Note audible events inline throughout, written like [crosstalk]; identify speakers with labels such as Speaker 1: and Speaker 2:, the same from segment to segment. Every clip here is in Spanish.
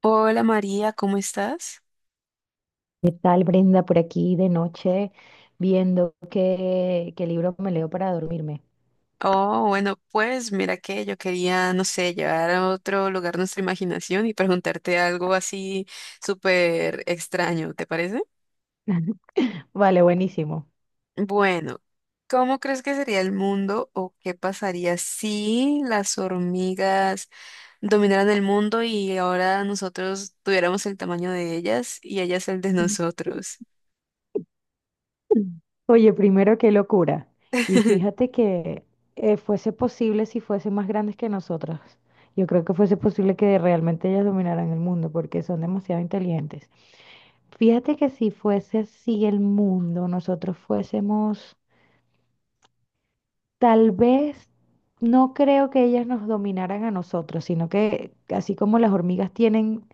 Speaker 1: Hola María, ¿cómo estás?
Speaker 2: ¿Qué tal, Brenda? Por aquí de noche viendo qué libro me leo para dormirme.
Speaker 1: Oh, bueno, pues mira que yo quería, no sé, llevar a otro lugar nuestra imaginación y preguntarte algo así súper extraño, ¿te parece?
Speaker 2: [laughs] Vale, buenísimo.
Speaker 1: Bueno, ¿cómo crees que sería el mundo o qué pasaría si las hormigas dominaran el mundo y ahora nosotros tuviéramos el tamaño de ellas y ellas el de nosotros?
Speaker 2: Oye, primero, qué locura. Y
Speaker 1: [laughs]
Speaker 2: fíjate que fuese posible si fuesen más grandes que nosotras. Yo creo que fuese posible que realmente ellas dominaran el mundo porque son demasiado inteligentes. Fíjate que si fuese así el mundo, nosotros fuésemos tal vez... No creo que ellas nos dominaran a nosotros, sino que así como las hormigas tienen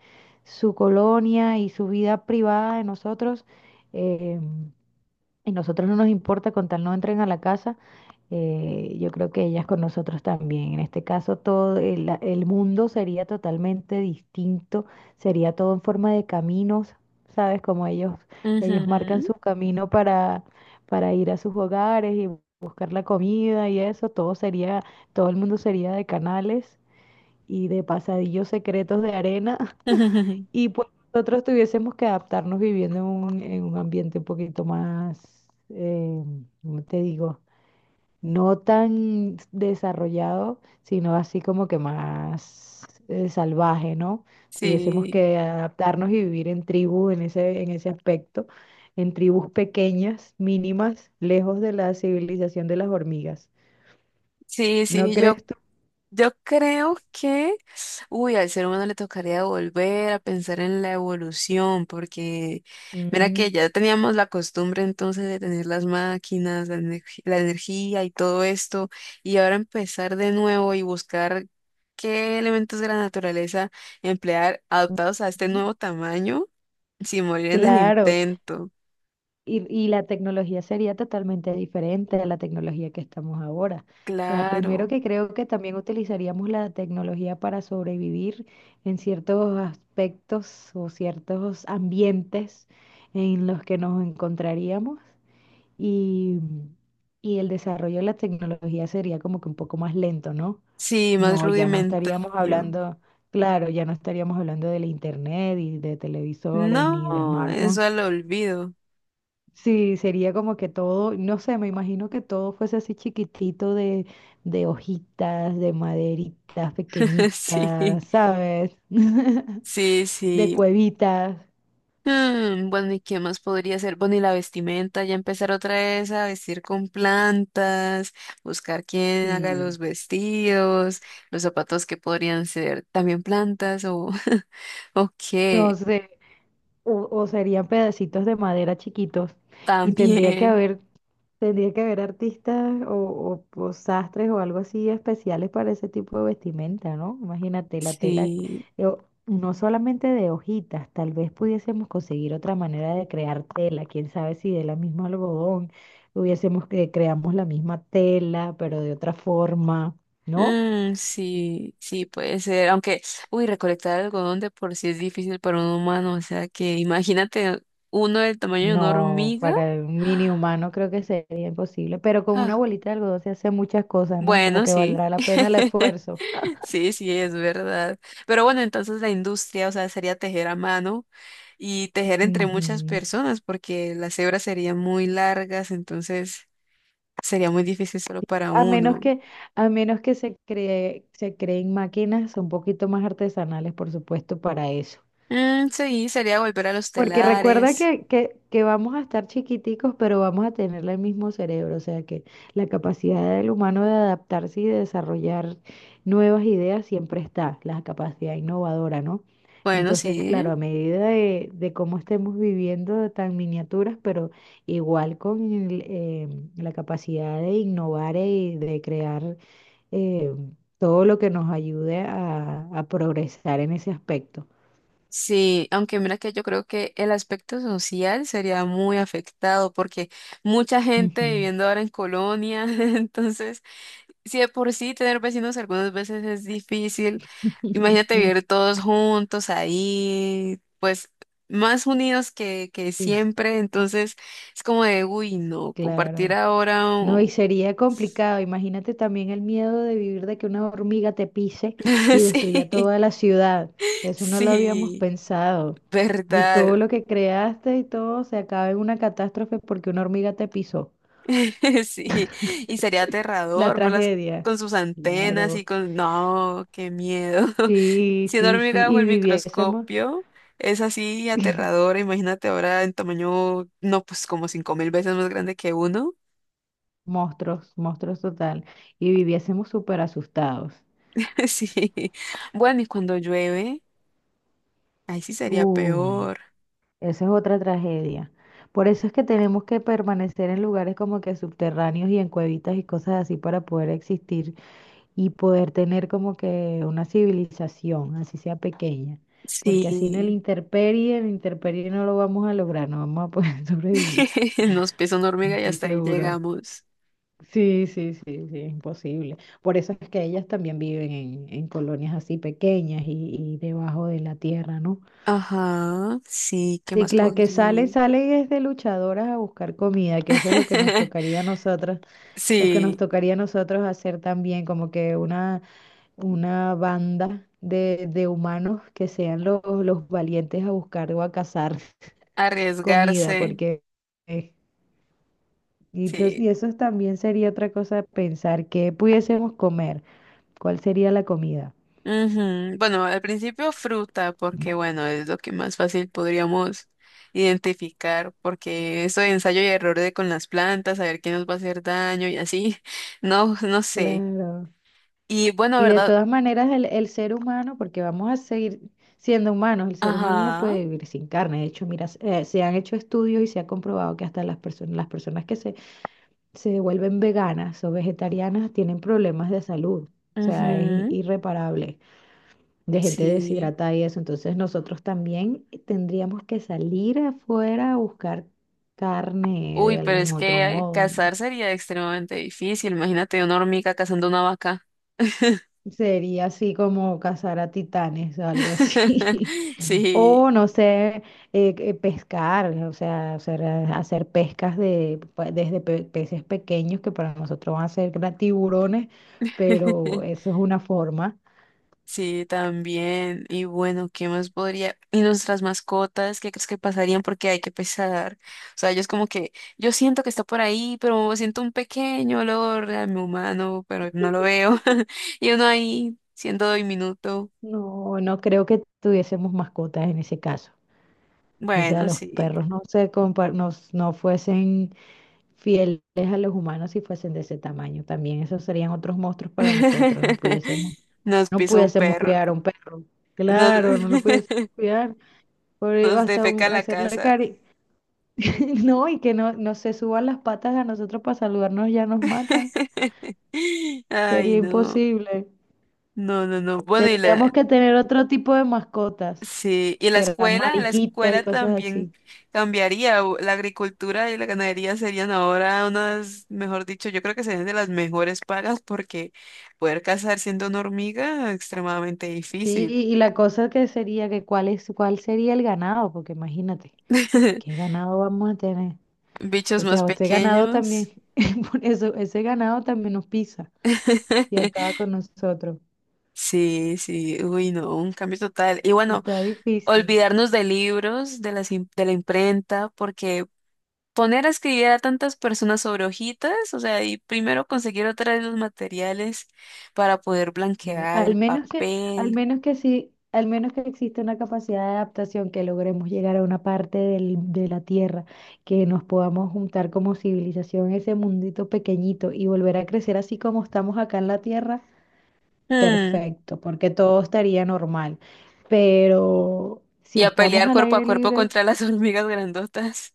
Speaker 2: su colonia y su vida privada de nosotros, em, y nosotros no nos importa con tal no entren a la casa, yo creo que ellas con nosotros también. En este caso, el mundo sería totalmente distinto, sería todo en forma de caminos, ¿sabes? Como ellos marcan
Speaker 1: Ujú.
Speaker 2: su camino para ir a sus hogares y buscar la comida y eso, todo sería, todo el mundo sería de canales y de pasadillos secretos de arena.
Speaker 1: [laughs]
Speaker 2: Y pues nosotros tuviésemos que adaptarnos viviendo en en un ambiente un poquito más, ¿cómo te digo? No tan desarrollado, sino así como que más salvaje, ¿no? Tuviésemos
Speaker 1: Sí,
Speaker 2: que adaptarnos y vivir en tribu en en ese aspecto, en tribus pequeñas, mínimas, lejos de la civilización de las hormigas.
Speaker 1: sí,
Speaker 2: ¿No
Speaker 1: sí, yo
Speaker 2: crees tú?
Speaker 1: Yo creo que, uy, al ser humano le tocaría volver a pensar en la evolución, porque mira
Speaker 2: Ujú.
Speaker 1: que ya teníamos la costumbre entonces de tener las máquinas, la energía y todo esto, y ahora empezar de nuevo y buscar qué elementos de la naturaleza emplear adaptados a este
Speaker 2: Ujú.
Speaker 1: nuevo tamaño sin morir en el
Speaker 2: Claro.
Speaker 1: intento.
Speaker 2: Y la tecnología sería totalmente diferente a la tecnología que estamos ahora. O sea, primero
Speaker 1: Claro,
Speaker 2: que creo que también utilizaríamos la tecnología para sobrevivir en ciertos aspectos o ciertos ambientes en los que nos encontraríamos y, y el desarrollo de la tecnología sería como que un poco más lento, ¿no?
Speaker 1: sí, más
Speaker 2: No, ya no estaríamos
Speaker 1: rudimentario.
Speaker 2: hablando, claro, ya no estaríamos hablando del internet y de televisores ni de
Speaker 1: No,
Speaker 2: smartphones.
Speaker 1: eso al olvido.
Speaker 2: Sí, sería como que todo, no sé, me imagino que todo fuese así chiquitito de hojitas, de maderitas
Speaker 1: [laughs] Sí.
Speaker 2: pequeñitas, ¿sabes? [laughs]
Speaker 1: Sí,
Speaker 2: De
Speaker 1: sí.
Speaker 2: cuevitas,
Speaker 1: Mm, bueno, ¿y qué más podría ser? Bueno, y la vestimenta, ya empezar otra vez a vestir con plantas, buscar quién haga los
Speaker 2: sí.
Speaker 1: vestidos, los zapatos que podrían ser también plantas o, [laughs] o
Speaker 2: No
Speaker 1: qué,
Speaker 2: sé, o serían pedacitos de madera chiquitos y tendría que
Speaker 1: también,
Speaker 2: haber... Tendría que haber artistas o sastres o algo así especiales para ese tipo de vestimenta, ¿no? Imagínate la tela,
Speaker 1: sí.
Speaker 2: no solamente de hojitas, tal vez pudiésemos conseguir otra manera de crear tela, quién sabe si de la misma algodón hubiésemos que creamos la misma tela, pero de otra forma, ¿no?
Speaker 1: Mm, sí, sí, puede ser, aunque, uy, recolectar algodón de por sí es difícil para un humano, o sea que imagínate uno del tamaño de una
Speaker 2: No,
Speaker 1: hormiga.
Speaker 2: para un mini humano creo que sería imposible, pero con una
Speaker 1: [gasps]
Speaker 2: bolita de algodón se hace muchas cosas, ¿no? Como
Speaker 1: Bueno,
Speaker 2: que
Speaker 1: sí.
Speaker 2: valdrá la pena el
Speaker 1: [laughs]
Speaker 2: esfuerzo.
Speaker 1: Sí, sí, es verdad. Pero bueno, entonces la industria, o sea, sería tejer a mano y tejer entre muchas
Speaker 2: [laughs]
Speaker 1: personas, porque las hebras serían muy largas, entonces sería muy difícil solo para
Speaker 2: A menos
Speaker 1: uno.
Speaker 2: que, a menos que se cree, se creen máquinas un poquito más artesanales, por supuesto, para eso.
Speaker 1: Mm, sí, sería volver a los
Speaker 2: Porque recuerda
Speaker 1: telares.
Speaker 2: que vamos a estar chiquiticos, pero vamos a tener el mismo cerebro, o sea que la capacidad del humano de adaptarse y de desarrollar nuevas ideas siempre está, la capacidad innovadora, ¿no?
Speaker 1: Bueno,
Speaker 2: Entonces, claro,
Speaker 1: sí.
Speaker 2: a medida de cómo estemos viviendo de tan miniaturas, pero igual con la capacidad de innovar y de crear eh, todo lo que nos ayude a progresar en ese aspecto.
Speaker 1: Sí, aunque mira que yo creo que el aspecto social sería muy afectado porque mucha gente
Speaker 2: Ujú.
Speaker 1: viviendo ahora en colonia, [laughs] entonces si de por sí tener vecinos algunas veces es difícil, imagínate
Speaker 2: Mm,
Speaker 1: vivir todos juntos ahí, pues más unidos que
Speaker 2: sí, sí,
Speaker 1: siempre, entonces es como de, uy, no, compartir
Speaker 2: claro.
Speaker 1: ahora,
Speaker 2: No, y
Speaker 1: oh.
Speaker 2: sería complicado. Imagínate también el miedo de vivir de que una hormiga te pise
Speaker 1: [laughs]
Speaker 2: y destruya
Speaker 1: Sí,
Speaker 2: toda la ciudad. Eso no lo habíamos
Speaker 1: sí,
Speaker 2: pensado. Y
Speaker 1: verdad,
Speaker 2: todo lo que creaste y todo se acaba en una catástrofe porque una hormiga te pisó.
Speaker 1: [laughs] sí, y sería
Speaker 2: La
Speaker 1: aterrador verlas
Speaker 2: tragedia.
Speaker 1: con sus antenas y
Speaker 2: Claro.
Speaker 1: con, no, qué miedo.
Speaker 2: Sí,
Speaker 1: Si una
Speaker 2: sí, sí.
Speaker 1: hormiga bajo
Speaker 2: Y
Speaker 1: el
Speaker 2: viviésemos.
Speaker 1: microscopio es así aterradora, imagínate ahora en tamaño, no, pues como 5,000 veces más grande que uno.
Speaker 2: Monstruos, monstruos total. Y viviésemos súper asustados.
Speaker 1: [laughs] Sí. Bueno, y cuando llueve, ahí sí sería
Speaker 2: Uy,
Speaker 1: peor.
Speaker 2: esa es otra tragedia. Por eso es que tenemos que permanecer en lugares como que subterráneos y en cuevitas y cosas así para poder existir y poder tener como que una civilización, así sea pequeña. Porque así
Speaker 1: Sí.
Speaker 2: en el intemperie no lo vamos a lograr, no vamos a poder [laughs] sobrevivir.
Speaker 1: [laughs] Nos pisa una hormiga y
Speaker 2: Estoy
Speaker 1: hasta ahí
Speaker 2: seguro.
Speaker 1: llegamos.
Speaker 2: Sí, sí, sí, sí, es imposible. Por eso es que ellas también viven en colonias así pequeñas y debajo de la tierra, ¿no?
Speaker 1: Ajá, sí, ¿qué
Speaker 2: Y
Speaker 1: más
Speaker 2: las que salen,
Speaker 1: podría?
Speaker 2: salen es de luchadoras a buscar comida, que eso es lo que nos
Speaker 1: [laughs]
Speaker 2: tocaría a nosotras, lo que nos
Speaker 1: Sí,
Speaker 2: tocaría a nosotros hacer también, como que una banda de humanos que sean los valientes a buscar o a cazar [laughs] comida,
Speaker 1: arriesgarse.
Speaker 2: porque... eh,
Speaker 1: Sí,
Speaker 2: y eso también sería otra cosa pensar, ¿que pudiésemos comer? ¿Cuál sería la comida?
Speaker 1: ujú. Bueno, al principio fruta, porque bueno, es lo que más fácil podríamos identificar, porque eso de ensayo y error de con las plantas, saber qué nos va a hacer daño y así, [laughs] no, no sé.
Speaker 2: Claro.
Speaker 1: Y bueno,
Speaker 2: Y de
Speaker 1: ¿verdad?
Speaker 2: todas maneras, el ser humano, porque vamos a seguir siendo humanos, el ser humano no
Speaker 1: Ajá,
Speaker 2: puede vivir sin carne. De hecho, mira, se han hecho estudios y se ha comprobado que hasta las personas, se vuelven veganas o vegetarianas tienen problemas de salud. O sea, es
Speaker 1: ujú,
Speaker 2: irreparable, de gente
Speaker 1: sí.
Speaker 2: deshidratada y eso. Entonces, nosotros también tendríamos que salir afuera a buscar carne
Speaker 1: Uy,
Speaker 2: de
Speaker 1: pero
Speaker 2: algún
Speaker 1: es
Speaker 2: otro
Speaker 1: que
Speaker 2: modo.
Speaker 1: cazar sería extremadamente difícil. Imagínate una hormiga cazando una vaca. [laughs]
Speaker 2: Sería así como cazar a titanes o algo así. [laughs]
Speaker 1: Sí.
Speaker 2: O no sé, pescar, o sea, hacer, hacer pescas de, pues, desde peces pequeños que para nosotros van a ser tiburones, pero
Speaker 1: [laughs]
Speaker 2: eso es una forma.
Speaker 1: Sí, también. Y bueno, ¿qué más podría? Y nuestras mascotas, ¿qué crees que pasarían? Porque hay que pesar. O sea, ellos como que, yo siento que está por ahí, pero siento un pequeño olor a mi humano, pero no lo veo. [laughs] Y uno ahí, siendo diminuto.
Speaker 2: No, no creo que tuviésemos mascotas en ese caso. O sea,
Speaker 1: Bueno,
Speaker 2: los
Speaker 1: sí.
Speaker 2: perros no se compa- no, s- no fuesen fieles a los humanos si fuesen de ese tamaño. También esos serían otros monstruos para nosotros, no
Speaker 1: [laughs]
Speaker 2: pudiésemos...
Speaker 1: Nos
Speaker 2: No
Speaker 1: pisa un
Speaker 2: pudiésemos
Speaker 1: perro.
Speaker 2: cuidar a un perro.
Speaker 1: Nos,
Speaker 2: Claro, no lo pudiésemos
Speaker 1: [laughs]
Speaker 2: cuidar.
Speaker 1: nos defeca la
Speaker 2: Hacerle
Speaker 1: casa.
Speaker 2: cari. [laughs] No, y que no se suban las patas a nosotros para saludarnos, ya nos matan.
Speaker 1: [laughs] Ay,
Speaker 2: Sería
Speaker 1: no.
Speaker 2: imposible.
Speaker 1: No, no, no. Bueno, y
Speaker 2: Tendríamos
Speaker 1: la,
Speaker 2: que tener otro tipo de mascotas.
Speaker 1: sí, y la
Speaker 2: Serán
Speaker 1: escuela, en la
Speaker 2: mariquitas y
Speaker 1: escuela
Speaker 2: cosas
Speaker 1: también
Speaker 2: así.
Speaker 1: cambiaría. La agricultura y la ganadería serían ahora unas, mejor dicho, yo creo que serían de las mejores pagas porque poder cazar siendo una hormiga es extremadamente
Speaker 2: Sí,
Speaker 1: difícil.
Speaker 2: y la cosa que sería que cuál sería el ganado, porque imagínate, ¿qué
Speaker 1: [laughs]
Speaker 2: ganado vamos a tener?
Speaker 1: Bichos
Speaker 2: O
Speaker 1: más
Speaker 2: sea, este ganado también,
Speaker 1: pequeños.
Speaker 2: [laughs] por eso, ese ganado también nos pisa y acaba
Speaker 1: [laughs]
Speaker 2: con nosotros.
Speaker 1: Sí, sí, uy, no, un cambio total. Y bueno,
Speaker 2: Está difícil.
Speaker 1: olvidarnos de libros, de la imprenta, porque poner a escribir a tantas personas sobre hojitas, o sea, y primero conseguir otra vez los materiales para poder
Speaker 2: Sí.
Speaker 1: blanquear el
Speaker 2: Al
Speaker 1: papel.
Speaker 2: menos que sí, al menos que exista una capacidad de adaptación, que logremos llegar a una parte de la Tierra, que nos podamos juntar como civilización, ese mundito pequeñito y volver a crecer así como estamos acá en la Tierra,
Speaker 1: Hmm,
Speaker 2: perfecto, porque todo estaría normal. Pero si
Speaker 1: y a
Speaker 2: estamos
Speaker 1: pelear
Speaker 2: al
Speaker 1: cuerpo a
Speaker 2: aire
Speaker 1: cuerpo
Speaker 2: libre...
Speaker 1: contra las [laughs] hormigas grandotas.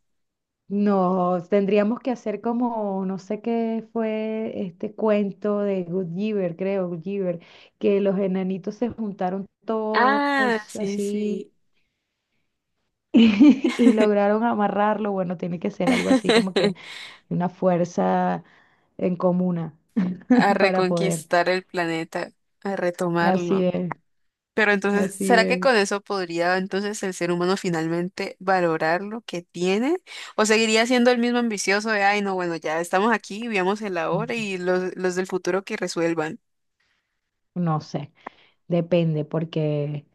Speaker 2: No, tendríamos que hacer como, no sé qué fue este cuento de Goodyear, creo, Goodyear, que los enanitos se juntaron todos
Speaker 1: Ah, sí, sí.
Speaker 2: así [laughs] y lograron amarrarlo. Bueno, tiene que ser algo así como que
Speaker 1: [laughs]
Speaker 2: una fuerza en comuna
Speaker 1: A
Speaker 2: [laughs] para poder.
Speaker 1: reconquistar el planeta, a
Speaker 2: Así
Speaker 1: retomarlo.
Speaker 2: es,
Speaker 1: Pero entonces,
Speaker 2: así
Speaker 1: ¿será que
Speaker 2: es.
Speaker 1: con eso podría entonces el ser humano finalmente valorar lo que tiene? ¿O seguiría siendo el mismo ambicioso de, ay, no, bueno, ya estamos aquí, vivamos el ahora y los del futuro que resuelvan?
Speaker 2: No sé, depende, porque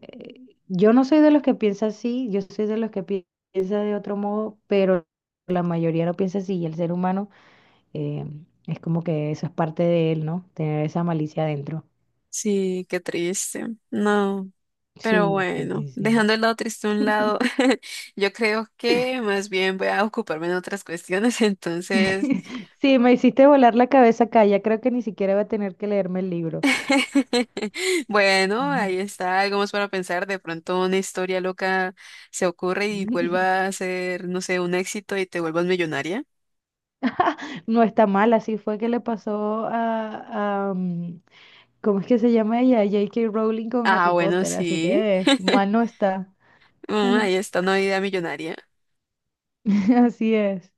Speaker 2: yo no soy de los que piensa así, yo soy de los que piensa de otro modo, pero la mayoría no piensa así y el ser humano eh, es como que eso es parte de él, ¿no? Tener esa malicia adentro.
Speaker 1: Sí, qué triste. No, pero
Speaker 2: Sí, sí,
Speaker 1: bueno,
Speaker 2: sí, sí.
Speaker 1: dejando el lado triste a un lado, [laughs] yo creo que más bien voy a ocuparme en otras cuestiones, [laughs] entonces
Speaker 2: [laughs] Sí, me hiciste volar la cabeza acá, ya creo que ni siquiera voy a tener que leerme el libro.
Speaker 1: [laughs] bueno,
Speaker 2: Ujú.
Speaker 1: ahí está, algo más para pensar. De pronto una historia loca se ocurre y vuelva
Speaker 2: [laughs]
Speaker 1: a ser, no sé, un éxito y te vuelvas millonaria.
Speaker 2: No está mal, así fue que le pasó a ¿cómo es que se llama ella? J. K. Rowling con Harry
Speaker 1: Ah, bueno,
Speaker 2: Potter, así
Speaker 1: sí.
Speaker 2: que mal no está.
Speaker 1: Mm, ahí
Speaker 2: [laughs]
Speaker 1: está una idea millonaria.
Speaker 2: Así es.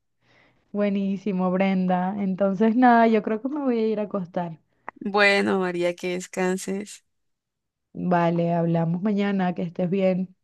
Speaker 2: Buenísimo, Brenda. Entonces, nada, yo creo que me voy a ir a acostar.
Speaker 1: Bueno, María, que descanses.
Speaker 2: Vale, hablamos mañana, que estés bien.